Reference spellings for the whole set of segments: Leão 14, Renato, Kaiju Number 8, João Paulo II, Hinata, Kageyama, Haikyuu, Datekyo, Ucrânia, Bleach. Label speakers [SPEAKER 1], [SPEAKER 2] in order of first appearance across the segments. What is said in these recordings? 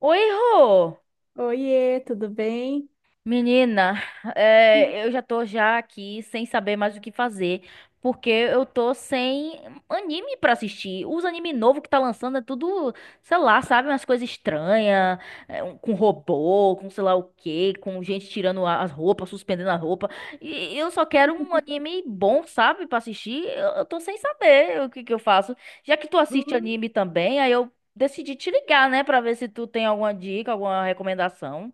[SPEAKER 1] Oi, Rô!
[SPEAKER 2] Oiê, tudo bem?
[SPEAKER 1] Menina, eu já tô já aqui sem saber mais o que fazer, porque eu tô sem anime pra assistir. Os anime novo que tá lançando é tudo, sei lá, sabe, umas coisas estranhas, com robô, com sei lá o quê, com gente tirando as roupas, suspendendo a roupa. E eu só quero um anime bom, sabe, pra assistir. Eu tô sem saber o que que eu faço. Já que tu assiste
[SPEAKER 2] Hum,
[SPEAKER 1] anime também, aí eu decidi te ligar, né, pra ver se tu tem alguma dica, alguma recomendação.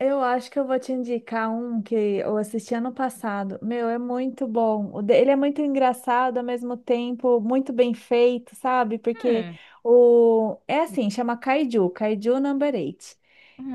[SPEAKER 2] Eu acho que eu vou te indicar um que eu assisti ano passado. Meu, é muito bom. Ele é muito engraçado, ao mesmo tempo, muito bem feito, sabe? Porque
[SPEAKER 1] Hum,
[SPEAKER 2] o... é assim, chama Kaiju, Kaiju Number 8.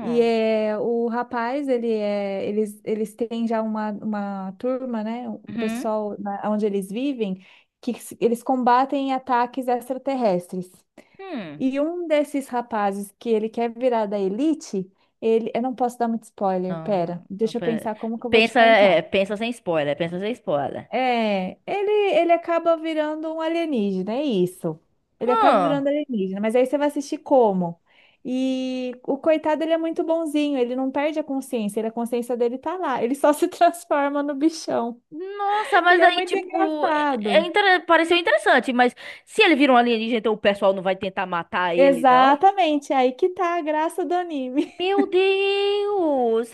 [SPEAKER 2] E é... o rapaz, ele é... eles têm já uma, turma, né? O
[SPEAKER 1] hum,
[SPEAKER 2] pessoal na... onde eles vivem, eles combatem ataques extraterrestres.
[SPEAKER 1] hum.
[SPEAKER 2] E um desses rapazes que ele quer virar da elite, ele, eu não posso dar muito spoiler,
[SPEAKER 1] Não,
[SPEAKER 2] pera,
[SPEAKER 1] não,
[SPEAKER 2] deixa eu pensar como que eu vou te
[SPEAKER 1] pensa,
[SPEAKER 2] contar.
[SPEAKER 1] pensa sem spoiler, pensa sem spoiler.
[SPEAKER 2] É, ele acaba virando um alienígena, é isso. Ele acaba
[SPEAKER 1] Hum,
[SPEAKER 2] virando alienígena, mas aí você vai assistir como? E o coitado, ele é muito bonzinho, ele não perde a consciência, a consciência dele tá lá, ele só se transforma no bichão.
[SPEAKER 1] nossa,
[SPEAKER 2] E
[SPEAKER 1] mas
[SPEAKER 2] é
[SPEAKER 1] aí,
[SPEAKER 2] muito
[SPEAKER 1] tipo,
[SPEAKER 2] engraçado.
[SPEAKER 1] pareceu interessante, mas se ele vira um alienígena, então o pessoal não vai tentar matar ele, não?
[SPEAKER 2] Exatamente, aí que tá a graça do anime.
[SPEAKER 1] Meu Deus!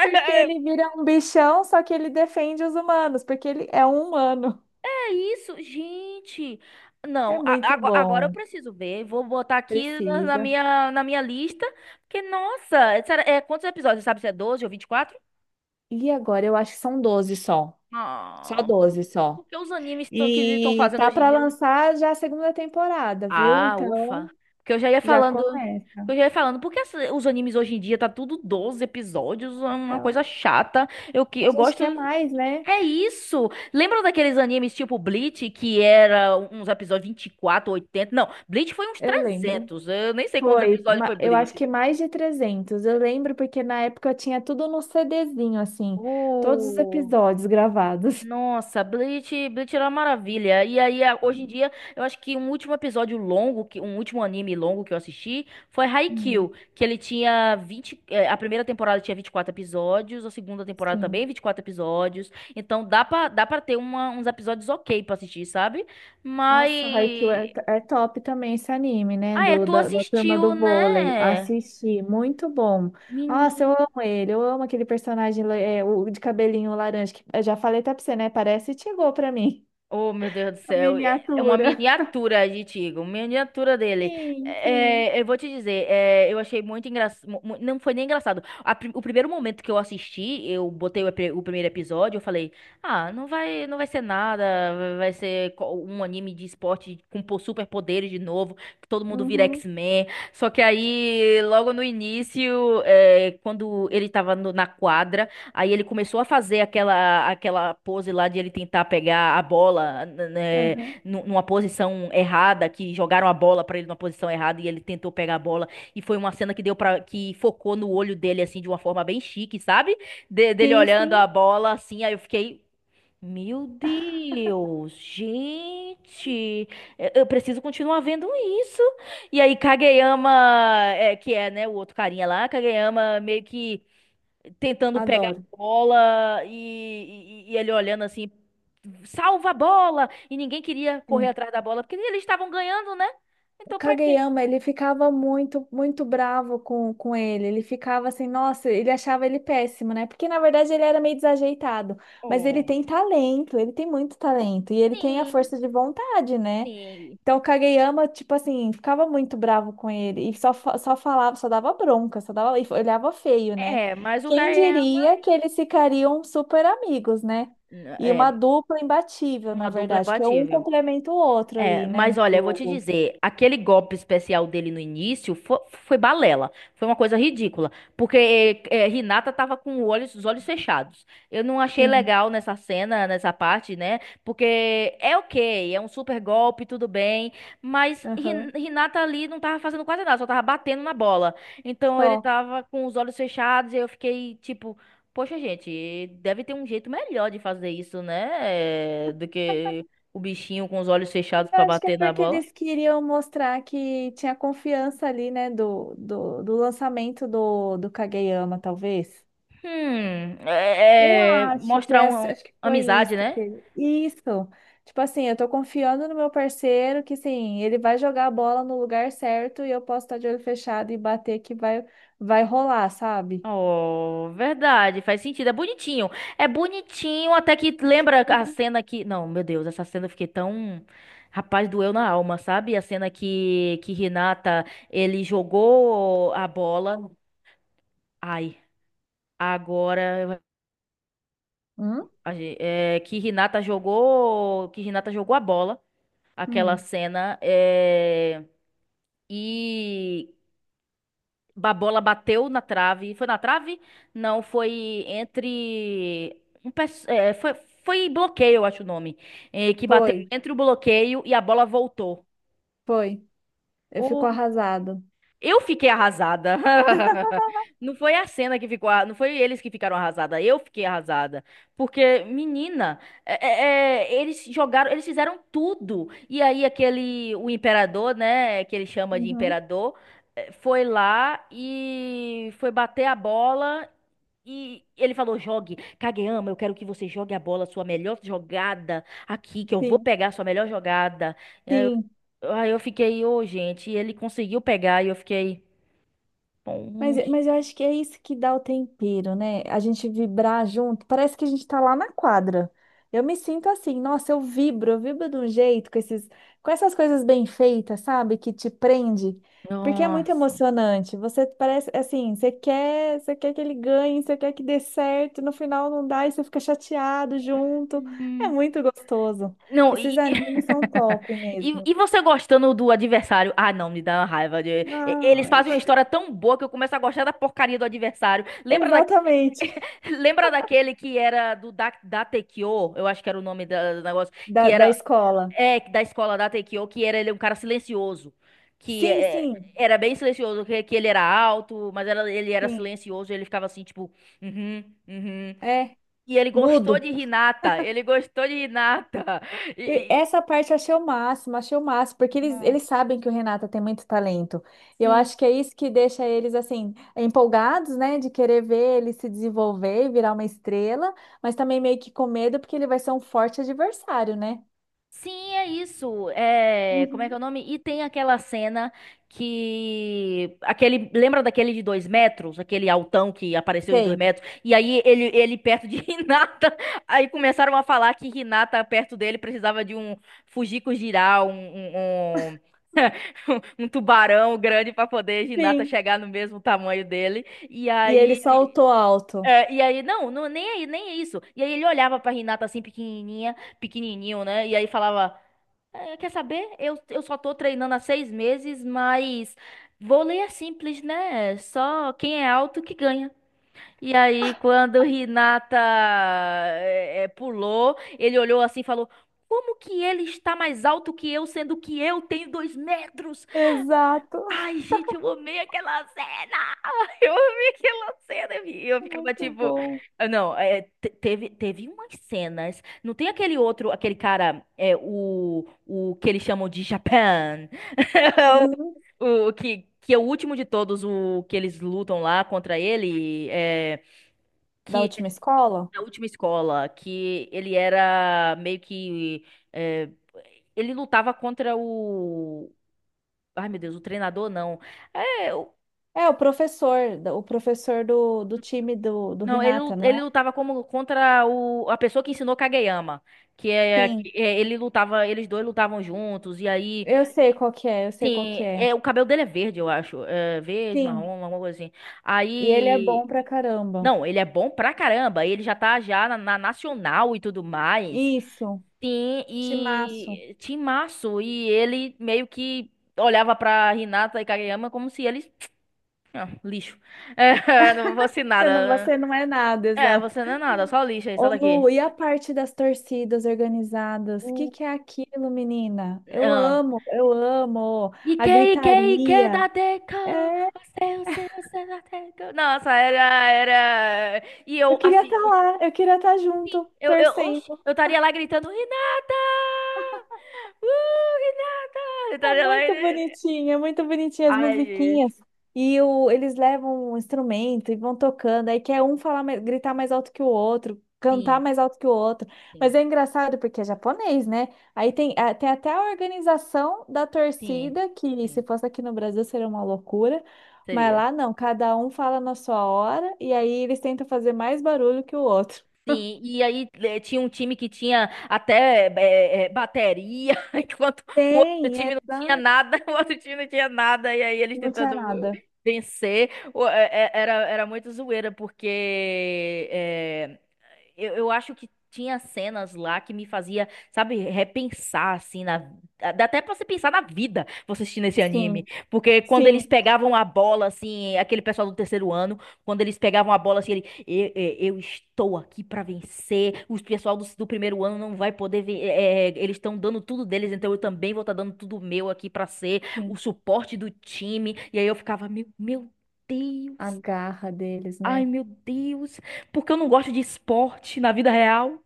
[SPEAKER 2] Porque ele vira um bichão, só que ele defende os humanos, porque ele é um humano.
[SPEAKER 1] É isso, gente!
[SPEAKER 2] É
[SPEAKER 1] Não,
[SPEAKER 2] muito
[SPEAKER 1] agora eu
[SPEAKER 2] bom.
[SPEAKER 1] preciso ver. Vou botar aqui na na
[SPEAKER 2] Precisa.
[SPEAKER 1] minha, na minha lista. Porque, nossa, quantos episódios? Você sabe se é 12 ou 24?
[SPEAKER 2] E agora eu acho que são 12 só. Só
[SPEAKER 1] Não.
[SPEAKER 2] 12 só.
[SPEAKER 1] Por que os animes que estão
[SPEAKER 2] E
[SPEAKER 1] fazendo
[SPEAKER 2] tá
[SPEAKER 1] hoje em
[SPEAKER 2] para
[SPEAKER 1] dia?
[SPEAKER 2] lançar já a segunda temporada, viu?
[SPEAKER 1] Ah, ufa.
[SPEAKER 2] Então
[SPEAKER 1] Porque eu já ia
[SPEAKER 2] já
[SPEAKER 1] falando.
[SPEAKER 2] começa.
[SPEAKER 1] Porque eu já ia falando, porque os animes hoje em dia tá tudo 12 episódios, é uma coisa
[SPEAKER 2] Então,
[SPEAKER 1] chata. Eu que
[SPEAKER 2] a
[SPEAKER 1] eu
[SPEAKER 2] gente
[SPEAKER 1] gosto
[SPEAKER 2] quer mais, né?
[SPEAKER 1] é isso. Lembra daqueles animes tipo Bleach que era uns episódios 24, 80? Não, Bleach foi uns
[SPEAKER 2] Eu lembro.
[SPEAKER 1] 300. Eu nem sei quantos
[SPEAKER 2] Foi,
[SPEAKER 1] episódios foi
[SPEAKER 2] eu acho
[SPEAKER 1] Bleach.
[SPEAKER 2] que mais de 300. Eu lembro porque na época eu tinha tudo no CDzinho, assim, todos os
[SPEAKER 1] O
[SPEAKER 2] episódios gravados.
[SPEAKER 1] Nossa, Bleach era uma maravilha. E aí, hoje em dia, eu acho que um último anime longo que eu assisti foi
[SPEAKER 2] Hum,
[SPEAKER 1] Haikyuu, que ele tinha 20. A primeira temporada tinha 24 episódios, a segunda temporada também
[SPEAKER 2] sim.
[SPEAKER 1] 24 episódios. Então dá pra ter uns episódios ok pra assistir, sabe?
[SPEAKER 2] Nossa, Haikyuu é,
[SPEAKER 1] Mas...
[SPEAKER 2] é top também esse anime, né?
[SPEAKER 1] Ah,
[SPEAKER 2] Do,
[SPEAKER 1] tu
[SPEAKER 2] da, da turma do
[SPEAKER 1] assistiu,
[SPEAKER 2] vôlei.
[SPEAKER 1] né?
[SPEAKER 2] Assisti, muito bom. Nossa, eu
[SPEAKER 1] Menino.
[SPEAKER 2] amo ele, eu amo aquele personagem é, o de cabelinho laranja, que eu já falei até pra você, né? Parece chegou pra mim.
[SPEAKER 1] Oh, meu Deus do
[SPEAKER 2] A
[SPEAKER 1] céu. É uma
[SPEAKER 2] miniatura.
[SPEAKER 1] miniatura de Tigo, uma miniatura dele.
[SPEAKER 2] Sim, sim.
[SPEAKER 1] É, eu vou te dizer, eu achei muito engraçado. Não foi nem engraçado. O primeiro momento que eu assisti, eu botei o primeiro episódio, eu falei, ah, não vai ser nada, vai ser um anime de esporte com superpoderes de novo, que todo mundo vira
[SPEAKER 2] Uhum,
[SPEAKER 1] X-Men. Só que aí, logo no início, é, quando ele tava na quadra. Aí ele começou a fazer aquela pose lá de ele tentar pegar a bola, né,
[SPEAKER 2] uhum.
[SPEAKER 1] numa posição errada, que jogaram a bola pra ele numa posição errada e ele tentou pegar a bola e foi uma cena que deu para que focou no olho dele assim de uma forma bem chique, sabe? Dele
[SPEAKER 2] Sim,
[SPEAKER 1] olhando
[SPEAKER 2] sim.
[SPEAKER 1] a bola assim, aí eu fiquei, meu Deus, gente, eu preciso continuar vendo isso. E aí Kageyama, que é, né, o outro carinha lá, Kageyama meio que tentando pegar
[SPEAKER 2] Adoro.
[SPEAKER 1] a bola e ele olhando assim, salva a bola! E ninguém queria correr atrás da bola, porque eles estavam ganhando, né? Então pra quê?
[SPEAKER 2] Kageyama, ele ficava muito, muito bravo com ele. Ele ficava assim, nossa, ele achava ele péssimo, né? Porque na verdade ele era meio desajeitado. Mas ele
[SPEAKER 1] Oh,
[SPEAKER 2] tem talento, ele tem muito talento. E ele tem a
[SPEAKER 1] sim,
[SPEAKER 2] força de vontade, né?
[SPEAKER 1] sim.
[SPEAKER 2] Então o Kageyama, tipo assim, ficava muito bravo com ele. E só, só falava, só dava bronca, só dava, e olhava feio, né?
[SPEAKER 1] É, mas o
[SPEAKER 2] Quem
[SPEAKER 1] Kayama
[SPEAKER 2] diria que eles ficariam super amigos, né? E uma
[SPEAKER 1] é
[SPEAKER 2] dupla imbatível, na
[SPEAKER 1] uma dupla
[SPEAKER 2] verdade, que é um
[SPEAKER 1] imbatível.
[SPEAKER 2] complementa o outro
[SPEAKER 1] É,
[SPEAKER 2] ali, né,
[SPEAKER 1] mas
[SPEAKER 2] no
[SPEAKER 1] olha, eu vou te
[SPEAKER 2] jogo.
[SPEAKER 1] dizer, aquele golpe especial dele no início foi, balela, foi uma coisa ridícula, porque é, Hinata tava com os olhos fechados. Eu não achei
[SPEAKER 2] Sim.
[SPEAKER 1] legal nessa cena, nessa parte, né? Porque é ok, é um super golpe, tudo bem, mas Hin-
[SPEAKER 2] Aham.
[SPEAKER 1] Hinata ali não tava fazendo quase nada, só tava batendo na bola. Então ele
[SPEAKER 2] Só.
[SPEAKER 1] tava com os olhos fechados e eu fiquei tipo, poxa, gente, deve ter um jeito melhor de fazer isso, né? Do que o bichinho com os olhos
[SPEAKER 2] Mas
[SPEAKER 1] fechados
[SPEAKER 2] eu
[SPEAKER 1] pra
[SPEAKER 2] acho que é
[SPEAKER 1] bater na
[SPEAKER 2] porque
[SPEAKER 1] bola.
[SPEAKER 2] eles queriam mostrar que tinha confiança ali, né, do lançamento do Kageyama, talvez. Eu
[SPEAKER 1] É
[SPEAKER 2] acho que
[SPEAKER 1] mostrar
[SPEAKER 2] essa, acho que foi isso
[SPEAKER 1] amizade, né?
[SPEAKER 2] que isso. Tipo assim, eu tô confiando no meu parceiro que sim, ele vai jogar a bola no lugar certo e eu posso estar de olho fechado e bater que vai rolar, sabe?
[SPEAKER 1] Oh, verdade, faz sentido. É bonitinho. É bonitinho, até que lembra a cena que. Não, meu Deus, essa cena eu fiquei tão. Rapaz, doeu na alma, sabe? A cena que Renata, ele jogou a bola. Ai, agora.
[SPEAKER 2] Hum?
[SPEAKER 1] É, que Renata jogou. Que Renata jogou a bola. Aquela
[SPEAKER 2] Hum.
[SPEAKER 1] cena. É, e a bola bateu na trave. Foi na trave? Não, foi entre. Um, pes- é, foi, foi bloqueio, eu acho o nome. É, que bateu
[SPEAKER 2] Foi,
[SPEAKER 1] entre o bloqueio e a bola voltou.
[SPEAKER 2] foi. Eu fico arrasado.
[SPEAKER 1] Eu fiquei arrasada. Não foi a cena que ficou, não foi eles que ficaram arrasada, eu fiquei arrasada, porque menina, eles jogaram, eles fizeram tudo. E aí aquele o imperador, né, que ele chama de
[SPEAKER 2] Uhum.
[SPEAKER 1] imperador, foi lá e foi bater a bola e ele falou: "Jogue, Kageyama, eu quero que você jogue a bola, sua melhor jogada aqui, que eu vou
[SPEAKER 2] Sim,
[SPEAKER 1] pegar a sua melhor jogada."
[SPEAKER 2] sim.
[SPEAKER 1] Aí eu fiquei, ô, gente, e ele conseguiu pegar e eu fiquei,
[SPEAKER 2] Mas,
[SPEAKER 1] "Poxa,
[SPEAKER 2] mas eu acho que é isso que dá o tempero, né? A gente vibrar junto, parece que a gente tá lá na quadra. Eu me sinto assim, nossa, eu vibro, de um jeito com esses, com essas coisas bem feitas, sabe? Que te prende, porque é muito
[SPEAKER 1] nossa."
[SPEAKER 2] emocionante. Você parece assim, você quer que ele ganhe, você quer que dê certo, no final não dá e você fica chateado junto. É muito gostoso.
[SPEAKER 1] Não,
[SPEAKER 2] Esses
[SPEAKER 1] e...
[SPEAKER 2] animes são top mesmo.
[SPEAKER 1] e você gostando do adversário? Ah, não, me dá uma raiva. Eles
[SPEAKER 2] Ai.
[SPEAKER 1] fazem uma história tão boa que eu começo a gostar da porcaria do adversário.
[SPEAKER 2] Exatamente.
[SPEAKER 1] Lembra daquele que era Datekyo? Eu acho que era o nome do negócio. Que
[SPEAKER 2] Da
[SPEAKER 1] era
[SPEAKER 2] escola.
[SPEAKER 1] é, da escola da Datekyo, que era ele um cara silencioso. Que
[SPEAKER 2] Sim,
[SPEAKER 1] é,
[SPEAKER 2] sim.
[SPEAKER 1] Era bem silencioso, que ele era alto, mas ele era
[SPEAKER 2] Sim.
[SPEAKER 1] silencioso e ele ficava assim, tipo... Uhum, uhum.
[SPEAKER 2] É,
[SPEAKER 1] E ele gostou de
[SPEAKER 2] mudo.
[SPEAKER 1] Hinata. Ele gostou de Hinata.
[SPEAKER 2] E
[SPEAKER 1] E, e-
[SPEAKER 2] essa parte eu achei o máximo, porque eles,
[SPEAKER 1] Não.
[SPEAKER 2] eles sabem que o Renato tem muito talento. E eu
[SPEAKER 1] Sim.
[SPEAKER 2] acho que é isso que deixa eles, assim, empolgados, né, de querer ver ele se desenvolver e virar uma estrela, mas também meio que com medo, porque ele vai ser um forte adversário, né?
[SPEAKER 1] Sim, é isso. É, como é que
[SPEAKER 2] Uhum.
[SPEAKER 1] é o nome? E tem aquela cena que aquele lembra daquele de 2 metros, aquele altão que apareceu de dois
[SPEAKER 2] Sei.
[SPEAKER 1] metros. E aí ele perto de Hinata. Aí começaram a falar que Hinata perto dele precisava de um Fujiko girar um tubarão grande para poder Hinata
[SPEAKER 2] Sim.
[SPEAKER 1] chegar no mesmo tamanho dele. E
[SPEAKER 2] E ele
[SPEAKER 1] aí
[SPEAKER 2] saltou alto.
[SPEAKER 1] é, e aí, não, não, nem aí, nem é isso. E aí ele olhava pra Renata assim, pequenininha, pequenininho, né? E aí falava, "É, quer saber? Eu só tô treinando há 6 meses, mas vôlei é simples, né? Só quem é alto que ganha. E aí, quando Renata pulou, ele olhou assim e falou, como que ele está mais alto que eu, sendo que eu tenho 2 metros?
[SPEAKER 2] Exato.
[SPEAKER 1] Ai, gente, eu amei aquela cena! Eu vi aquela cena e eu ficava tipo, ah, não, teve umas cenas. Não tem aquele outro, aquele cara, é, o que eles chamam de Japan,
[SPEAKER 2] Uhum.
[SPEAKER 1] o que é o último de todos, o que eles lutam lá contra ele, é,
[SPEAKER 2] Da
[SPEAKER 1] que é
[SPEAKER 2] última escola?
[SPEAKER 1] da última escola, que ele era meio que, é, ele lutava contra o, ai meu Deus, o treinador não. É,
[SPEAKER 2] É, o professor do time do
[SPEAKER 1] não, ele, lu-
[SPEAKER 2] Renata, não é?
[SPEAKER 1] ele lutava como contra o, a pessoa que ensinou Kageyama,
[SPEAKER 2] Sim,
[SPEAKER 1] ele lutava, eles dois lutavam juntos e aí,
[SPEAKER 2] eu sei qual que é, eu sei qual
[SPEAKER 1] sim,
[SPEAKER 2] que é.
[SPEAKER 1] é o cabelo dele é verde, eu acho, é verde,
[SPEAKER 2] Sim,
[SPEAKER 1] marrom, alguma coisa assim.
[SPEAKER 2] e ele é bom
[SPEAKER 1] Aí,
[SPEAKER 2] pra caramba.
[SPEAKER 1] não, ele é bom pra caramba, ele já tá já na, na nacional e tudo mais.
[SPEAKER 2] Isso,
[SPEAKER 1] Sim,
[SPEAKER 2] timaço.
[SPEAKER 1] e timaço e ele meio que olhava pra Hinata e Kageyama como se eles, ah, lixo. É, não fosse nada. Né?
[SPEAKER 2] Você não é nada,
[SPEAKER 1] É,
[SPEAKER 2] exato.
[SPEAKER 1] você não é nada, só lixo aí, sai
[SPEAKER 2] Ô Lu,
[SPEAKER 1] daqui.
[SPEAKER 2] e a parte das torcidas organizadas? O que
[SPEAKER 1] 우-
[SPEAKER 2] que é aquilo, menina?
[SPEAKER 1] 어.
[SPEAKER 2] Eu amo a
[SPEAKER 1] 이케 da 이케
[SPEAKER 2] gritaria. É,
[SPEAKER 1] você da 다데코. Nossa, era... E
[SPEAKER 2] eu
[SPEAKER 1] eu,
[SPEAKER 2] queria
[SPEAKER 1] assim,
[SPEAKER 2] estar lá, eu queria estar junto,
[SPEAKER 1] oxe,
[SPEAKER 2] torcendo.
[SPEAKER 1] eu estaria lá gritando, Renata! Renata! Eu estaria lá... e-
[SPEAKER 2] É muito bonitinho as
[SPEAKER 1] Ai, gente.
[SPEAKER 2] musiquinhas. Eles levam um instrumento e vão tocando. Aí quer um falar, gritar mais alto que o outro, cantar
[SPEAKER 1] Sim,
[SPEAKER 2] mais alto que o outro. Mas
[SPEAKER 1] sim,
[SPEAKER 2] é engraçado porque é japonês, né? Aí tem, tem até a organização da
[SPEAKER 1] sim,
[SPEAKER 2] torcida, que se
[SPEAKER 1] sim.
[SPEAKER 2] fosse aqui no Brasil seria uma loucura. Mas
[SPEAKER 1] Seria.
[SPEAKER 2] lá não, cada um fala na sua hora e aí eles tentam fazer mais barulho que o outro.
[SPEAKER 1] Sim, e aí tinha um time que tinha até bateria, enquanto o outro
[SPEAKER 2] Tem,
[SPEAKER 1] time não tinha
[SPEAKER 2] exato.
[SPEAKER 1] nada, o outro time não tinha nada, e aí eles
[SPEAKER 2] Não tinha
[SPEAKER 1] tentando
[SPEAKER 2] nada.
[SPEAKER 1] vencer. Era, muito zoeira, porque eu acho que tinha cenas lá que me fazia, sabe, repensar, assim, na... Dá até pra você pensar na vida, você assistindo esse anime.
[SPEAKER 2] Sim,
[SPEAKER 1] Porque quando eles
[SPEAKER 2] sim,
[SPEAKER 1] pegavam a bola, assim, aquele pessoal do terceiro ano, quando eles pegavam a bola, assim, eu estou aqui pra vencer, os pessoal do primeiro ano não vai poder ver, eles estão dando tudo deles, então eu também vou estar dando tudo meu aqui pra ser o
[SPEAKER 2] sim.
[SPEAKER 1] suporte do time. E aí eu ficava, meu
[SPEAKER 2] A
[SPEAKER 1] Deus.
[SPEAKER 2] garra deles,
[SPEAKER 1] Ai,
[SPEAKER 2] né?
[SPEAKER 1] meu Deus, porque eu não gosto de esporte na vida real.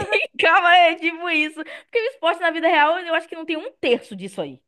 [SPEAKER 1] Calma, é tipo isso. Porque o esporte na vida real, eu acho que não tem um terço disso aí.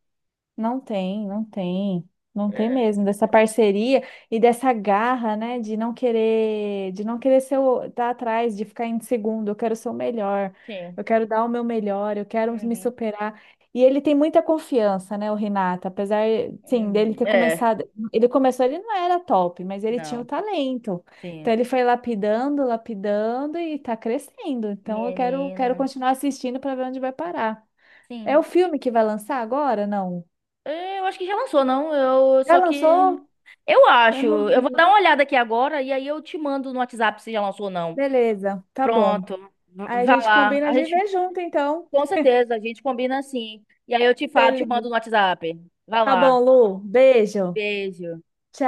[SPEAKER 2] Não tem, não tem, não tem mesmo dessa parceria e dessa garra, né, de não querer ser o, tá atrás, de ficar em segundo, eu quero ser o melhor,
[SPEAKER 1] Sim.
[SPEAKER 2] eu quero dar o meu melhor, eu quero me
[SPEAKER 1] Uhum.
[SPEAKER 2] superar. E ele tem muita confiança, né, o Renato, apesar, sim, dele
[SPEAKER 1] Uhum.
[SPEAKER 2] ter
[SPEAKER 1] É,
[SPEAKER 2] começado, ele começou, ele não era top, mas ele tinha o
[SPEAKER 1] não.
[SPEAKER 2] talento.
[SPEAKER 1] Sim.
[SPEAKER 2] Então ele foi lapidando, lapidando e tá crescendo. Então
[SPEAKER 1] Menina.
[SPEAKER 2] quero continuar assistindo para ver onde vai parar. É o
[SPEAKER 1] Sim.
[SPEAKER 2] filme que vai lançar agora? Não.
[SPEAKER 1] É, eu acho que já lançou, não? Eu
[SPEAKER 2] Já
[SPEAKER 1] só que
[SPEAKER 2] lançou?
[SPEAKER 1] eu
[SPEAKER 2] Eu
[SPEAKER 1] acho.
[SPEAKER 2] não
[SPEAKER 1] Eu vou dar
[SPEAKER 2] vi.
[SPEAKER 1] uma olhada aqui agora e aí eu te mando no WhatsApp se já lançou ou não.
[SPEAKER 2] Beleza, tá bom.
[SPEAKER 1] Pronto. V-
[SPEAKER 2] Aí a
[SPEAKER 1] Vá
[SPEAKER 2] gente
[SPEAKER 1] lá.
[SPEAKER 2] combina
[SPEAKER 1] A
[SPEAKER 2] de
[SPEAKER 1] gente
[SPEAKER 2] ver junto, então.
[SPEAKER 1] com certeza a gente combina assim. E aí eu te falo, te mando
[SPEAKER 2] Beleza.
[SPEAKER 1] no WhatsApp. Vá
[SPEAKER 2] Tá bom,
[SPEAKER 1] lá.
[SPEAKER 2] Lu. Beijo.
[SPEAKER 1] Beijo.